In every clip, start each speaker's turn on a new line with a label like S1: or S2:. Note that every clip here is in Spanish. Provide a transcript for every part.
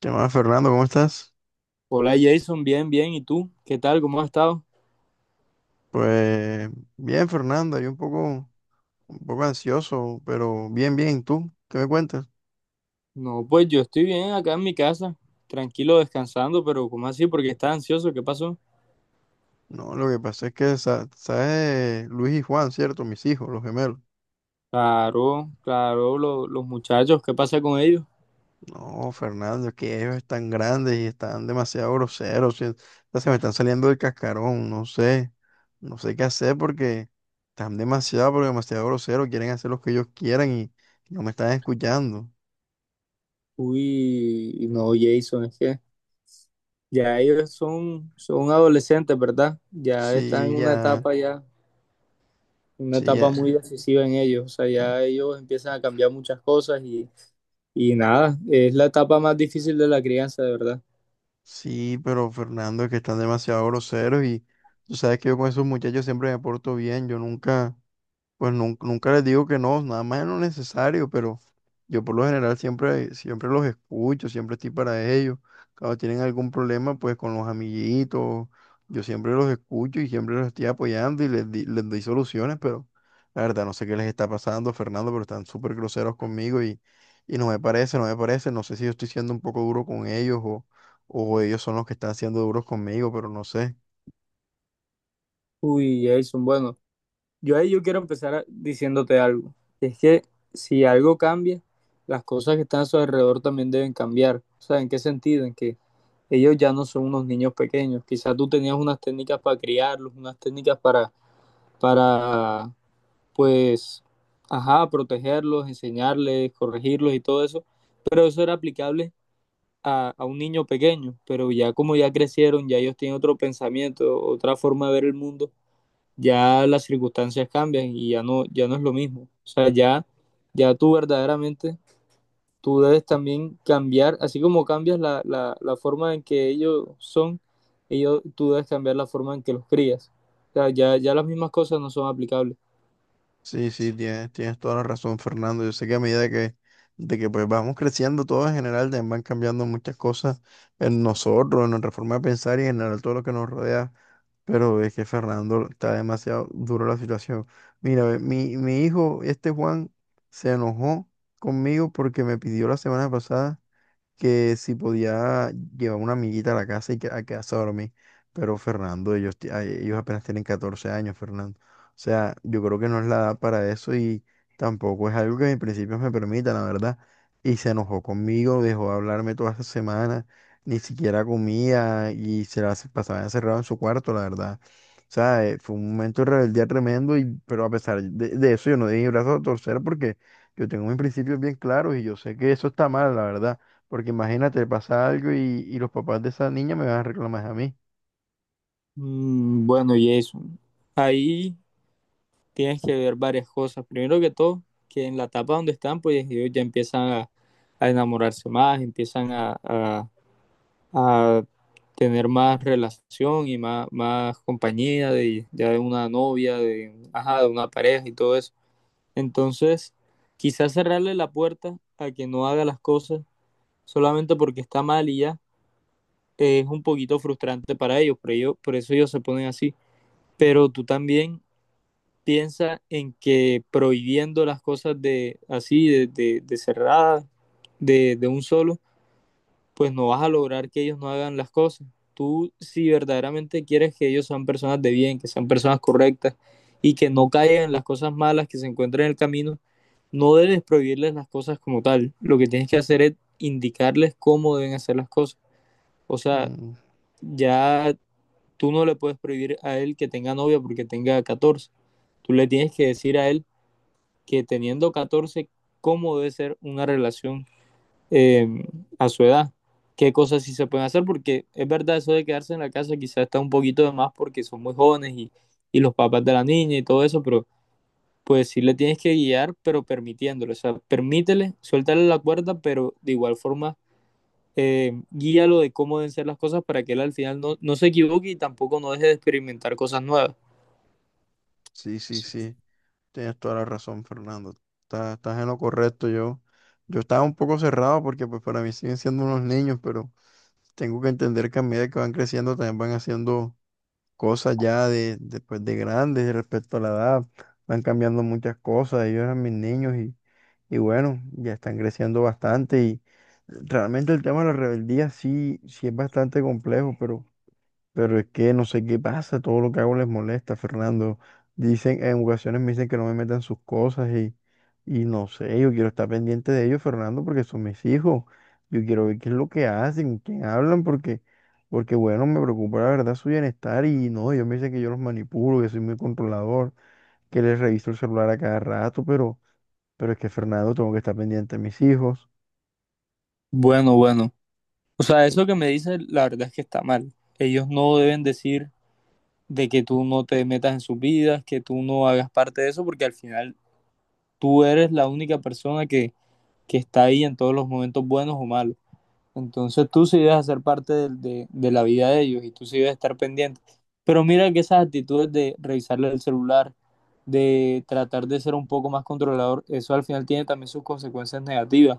S1: ¿Qué más, Fernando? ¿Cómo estás?
S2: Hola Jason, bien, bien. ¿Y tú? ¿Qué tal? ¿Cómo has estado?
S1: Pues bien, Fernando, yo un poco ansioso, pero bien, bien. ¿Tú qué me cuentas?
S2: No, pues yo estoy bien acá en mi casa, tranquilo, descansando, pero ¿cómo así? ¿Porque estás ansioso? ¿Qué pasó?
S1: No, lo que pasa es que, ¿sabes? Luis y Juan, ¿cierto? Mis hijos, los gemelos.
S2: Claro, claro, los muchachos, ¿qué pasa con ellos?
S1: No, Fernando, es que ellos están grandes y están demasiado groseros, ¿sí? Ya se me están saliendo del cascarón, no sé. No sé qué hacer porque están demasiado, pero demasiado groseros. Quieren hacer lo que ellos quieran y no me están escuchando.
S2: Uy, no, Jason, es que ya ellos son adolescentes, ¿verdad? Ya están
S1: Sí,
S2: en una
S1: ya,
S2: etapa ya, una
S1: sí,
S2: etapa muy
S1: ya.
S2: decisiva en ellos. O sea, ya ellos empiezan a cambiar muchas cosas y nada, es la etapa más difícil de la crianza, de verdad.
S1: Sí, pero Fernando, es que están demasiado groseros y tú sabes que yo con esos muchachos siempre me porto bien, yo nunca, pues nunca les digo que no, nada más es lo necesario, pero yo por lo general siempre, siempre los escucho, siempre estoy para ellos. Cuando tienen algún problema, pues con los amiguitos, yo siempre los escucho y siempre los estoy apoyando y les doy soluciones, pero la verdad no sé qué les está pasando, Fernando, pero están súper groseros conmigo y no me parece, no me parece, no sé si yo estoy siendo un poco duro con ellos o ellos son los que están siendo duros conmigo, pero no sé.
S2: Uy, Jason, bueno. Yo ahí yo quiero diciéndote algo. Es que si algo cambia, las cosas que están a su alrededor también deben cambiar. O sea, ¿en qué sentido? En que ellos ya no son unos niños pequeños. Quizás tú tenías unas técnicas para criarlos, unas técnicas para, pues, ajá, protegerlos, enseñarles, corregirlos y todo eso. Pero eso era aplicable a un niño pequeño. Pero ya como ya crecieron, ya ellos tienen otro pensamiento, otra forma de ver el mundo, ya las circunstancias cambian y ya no, ya no es lo mismo. O sea, ya, ya tú verdaderamente, tú debes también cambiar, así como cambias la forma en que ellos son, ellos, tú debes cambiar la forma en que los crías. O sea, ya, ya las mismas cosas no son aplicables.
S1: Sí, sí, tienes, tienes toda la razón, Fernando. Yo sé que a medida que, de que pues vamos creciendo todos en general, también van cambiando muchas cosas en nosotros, en nuestra forma de pensar y en general todo lo que nos rodea. Pero es que Fernando está demasiado duro la situación. Mira, ve, mi hijo, este Juan, se enojó conmigo porque me pidió la semana pasada que si podía llevar una amiguita a la casa y que, a quedarse a dormir. Pero Fernando, ellos, ay, ellos apenas tienen 14 años, Fernando. O sea, yo creo que no es la edad para eso y tampoco es algo que en principios me permita, la verdad. Y se enojó conmigo, dejó de hablarme toda esa semana, ni siquiera comía y pasaba encerrado en su cuarto, la verdad. O sea, fue un momento de rebeldía tremendo, y, pero a pesar de eso yo no di mi brazo a torcer porque yo tengo mis principios bien claros y yo sé que eso está mal, la verdad, porque imagínate, pasa algo y los papás de esa niña me van a reclamar a mí.
S2: Mm, bueno, y eso. Ahí tienes que ver varias cosas. Primero que todo, que en la etapa donde están, pues ellos ya empiezan a enamorarse más, empiezan a tener más relación y más, más compañía de, ya de una novia, de, ajá, de una pareja y todo eso. Entonces, quizás cerrarle la puerta a que no haga las cosas solamente porque está mal y ya, es un poquito frustrante para ellos, pero ellos, por eso ellos se ponen así. Pero tú también piensa en que prohibiendo las cosas de así, de cerradas, de un solo, pues no vas a lograr que ellos no hagan las cosas. Tú, si verdaderamente quieres que ellos sean personas de bien, que sean personas correctas y que no caigan en las cosas malas que se encuentran en el camino, no debes prohibirles las cosas como tal. Lo que tienes que hacer es indicarles cómo deben hacer las cosas. O sea,
S1: Mm,
S2: ya tú no le puedes prohibir a él que tenga novia porque tenga catorce. Tú le tienes que decir a él que teniendo 14 cómo debe ser una relación, eh, a su edad. ¿Qué cosas sí se pueden hacer? Porque es verdad, eso de quedarse en la casa quizás está un poquito de más porque son muy jóvenes y los papás de la niña y todo eso, pero pues sí le tienes que guiar, pero permitiéndole. O sea, permítele, suéltale la cuerda, pero de igual forma, guíalo de cómo deben ser las cosas para que él al final no, no se equivoque y tampoco no deje de experimentar cosas nuevas.
S1: sí, sí,
S2: Sí.
S1: sí. Tienes toda la razón, Fernando. Estás, estás en lo correcto. Yo estaba un poco cerrado porque pues para mí siguen siendo unos niños, pero tengo que entender que a medida que van creciendo también van haciendo cosas ya de, pues, de grandes respecto a la edad. Van cambiando muchas cosas. Ellos eran mis niños y bueno, ya están creciendo bastante y realmente el tema de la rebeldía sí, sí es bastante complejo, pero... Pero es que no sé qué pasa, todo lo que hago les molesta, Fernando. Dicen, en ocasiones me dicen que no me metan sus cosas y no sé, yo quiero estar pendiente de ellos, Fernando, porque son mis hijos. Yo quiero ver qué es lo que hacen, con quién hablan, porque, porque bueno, me preocupa la verdad su bienestar y no, ellos me dicen que yo los manipulo, que soy muy controlador, que les reviso el celular a cada rato, pero es que, Fernando, tengo que estar pendiente de mis hijos.
S2: Bueno, bueno. O sea, eso que me dice, la verdad es que está mal. Ellos no deben decir de que tú no te metas en sus vidas, que tú no hagas parte de eso, porque al final tú eres la única persona que está ahí en todos los momentos buenos o malos. Entonces tú sí debes hacer parte de, de la vida de ellos y tú sí debes estar pendiente. Pero mira que esas actitudes de revisarle el celular, de tratar de ser un poco más controlador, eso al final tiene también sus consecuencias negativas.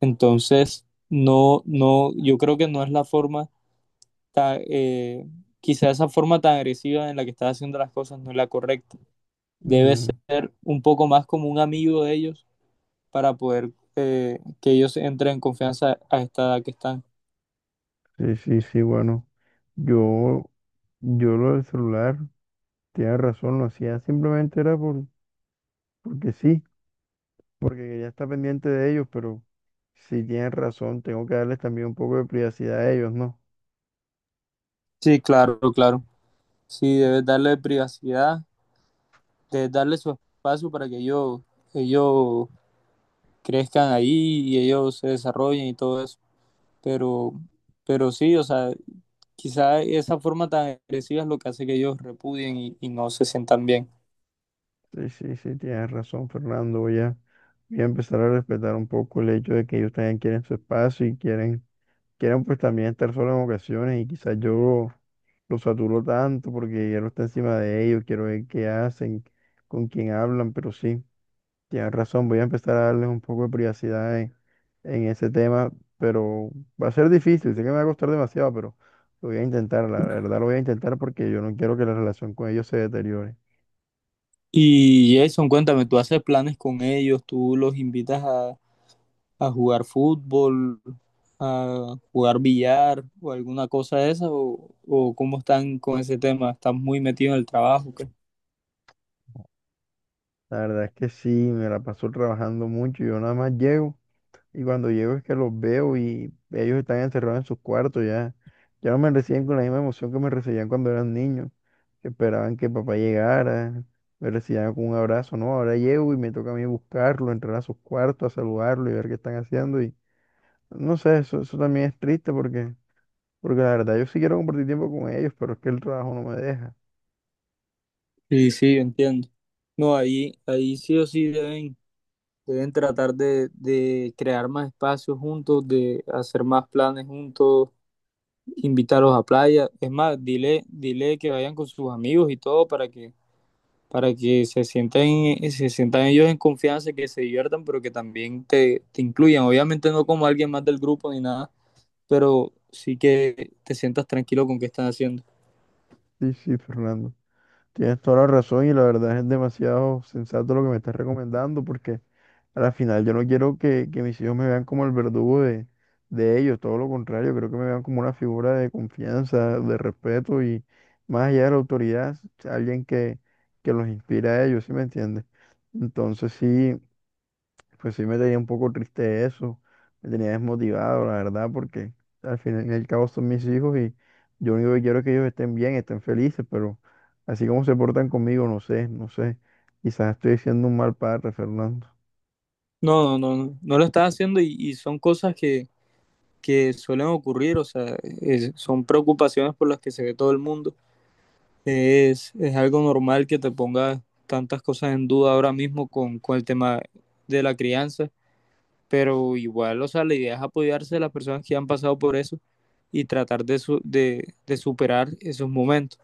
S2: Entonces, no, no, yo creo que no es la forma, ta- eh, quizá esa forma tan agresiva en la que estás haciendo las cosas no es la correcta. Debes
S1: Mm,
S2: ser un poco más como un amigo de ellos para poder, que ellos entren en confianza a esta edad que están.
S1: sí, sí, sí, bueno, yo, yo lo del celular. Tienes razón, lo hacía simplemente era por, porque sí, porque quería estar pendiente de ellos, pero sí tienes razón, tengo que darles también un poco de privacidad a ellos, ¿no?
S2: Sí, claro, claro. Sí, debes darle privacidad, debes darle su espacio para que ellos crezcan ahí y ellos se desarrollen y todo eso. Pero, pero sí, o sea, quizá esa forma tan agresiva es lo que hace que ellos repudien y no se sientan bien.
S1: Sí, sí, sí, tienes razón, Fernando, voy a, voy a empezar a respetar un poco el hecho de que ellos también quieren su espacio y quieren, quieren pues también estar solos en ocasiones y quizás yo los saturo tanto porque ya no está encima de ellos, quiero ver qué hacen, con quién hablan, pero sí. Tienes razón, voy a empezar a darles un poco de privacidad en ese tema, pero va a ser difícil, sé que me va a costar demasiado, pero lo voy a intentar, la verdad lo voy a intentar porque yo no quiero que la relación con ellos se deteriore.
S2: Y Jason, cuéntame, ¿tú haces planes con ellos? ¿Tú los invitas a jugar fútbol, a jugar billar o alguna cosa de esa? O cómo están con ese tema? ¿Están muy metidos en el trabajo? ¿Qué?
S1: La verdad es que sí, me la paso trabajando mucho, yo nada más llego. Y cuando llego es que los veo y ellos están encerrados en sus cuartos ya. Ya no me reciben con la misma emoción que me recibían cuando eran niños, que esperaban que papá llegara, me recibían con un abrazo, ¿no? Ahora llego y me toca a mí buscarlo, entrar a sus cuartos, a saludarlo y ver qué están haciendo. Y no sé, eso también es triste porque, porque la verdad yo sí quiero compartir tiempo con ellos, pero es que el trabajo no me deja.
S2: Sí, sí, yo entiendo. No, ahí, ahí sí o sí deben, deben tratar de crear más espacios juntos, de hacer más planes juntos, invitarlos a playa. Es más, dile, dile que vayan con sus amigos y todo para que, para que se sientan, se sientan ellos en confianza, que se diviertan, pero que también te incluyan. Obviamente no como alguien más del grupo ni nada, pero sí que te sientas tranquilo con qué están haciendo.
S1: Sí, sí, Fernando. Tienes toda la razón y la verdad es demasiado sensato lo que me estás recomendando porque... A la final, yo no quiero que mis hijos me vean como el verdugo de ellos, todo lo contrario, creo que me vean como una figura de confianza, de respeto y más allá de la autoridad, alguien que los inspira a ellos, ¿sí me entiendes? Entonces sí, pues sí me tenía un poco triste eso, me tenía desmotivado, la verdad, porque al final y al cabo son mis hijos y yo lo único que quiero es que ellos estén bien, estén felices, pero así como se portan conmigo, no sé, no sé, quizás estoy siendo un mal padre, Fernando.
S2: No, no, no, no, no lo estás haciendo y son cosas que suelen ocurrir, o sea, son preocupaciones por las que se ve todo el mundo. Es algo normal que te pongas tantas cosas en duda ahora mismo con el tema de la crianza, pero igual, o sea, la idea es apoyarse a las personas que han pasado por eso y tratar de, de superar esos momentos.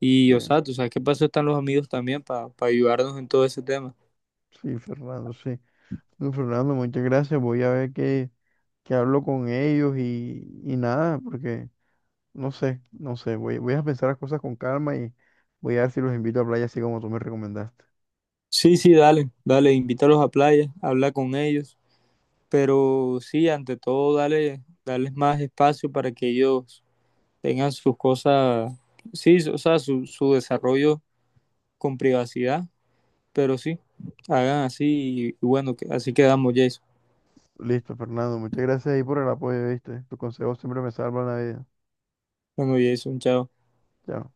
S2: Y,
S1: Sí.
S2: o sea, tú sabes qué pasó, están los amigos también para ayudarnos en todo ese tema.
S1: Sí, Fernando, sí. No, Fernando, muchas gracias. Voy a ver qué, qué hablo con ellos y nada, porque no sé, no sé. Voy, voy a pensar las cosas con calma y voy a ver si los invito a playa así como tú me recomendaste.
S2: Sí, sí, dale, dale, invítalos a playa, habla con ellos, pero sí, ante todo, dale, darles más espacio para que ellos tengan sus cosas, sí, o sea, su desarrollo con privacidad, pero sí, hagan así y bueno, así quedamos, Jason.
S1: Listo, Fernando, muchas gracias ahí por el apoyo, ¿viste? Tus consejos siempre me salvan la vida.
S2: Bueno, Jason, chao.
S1: Chao.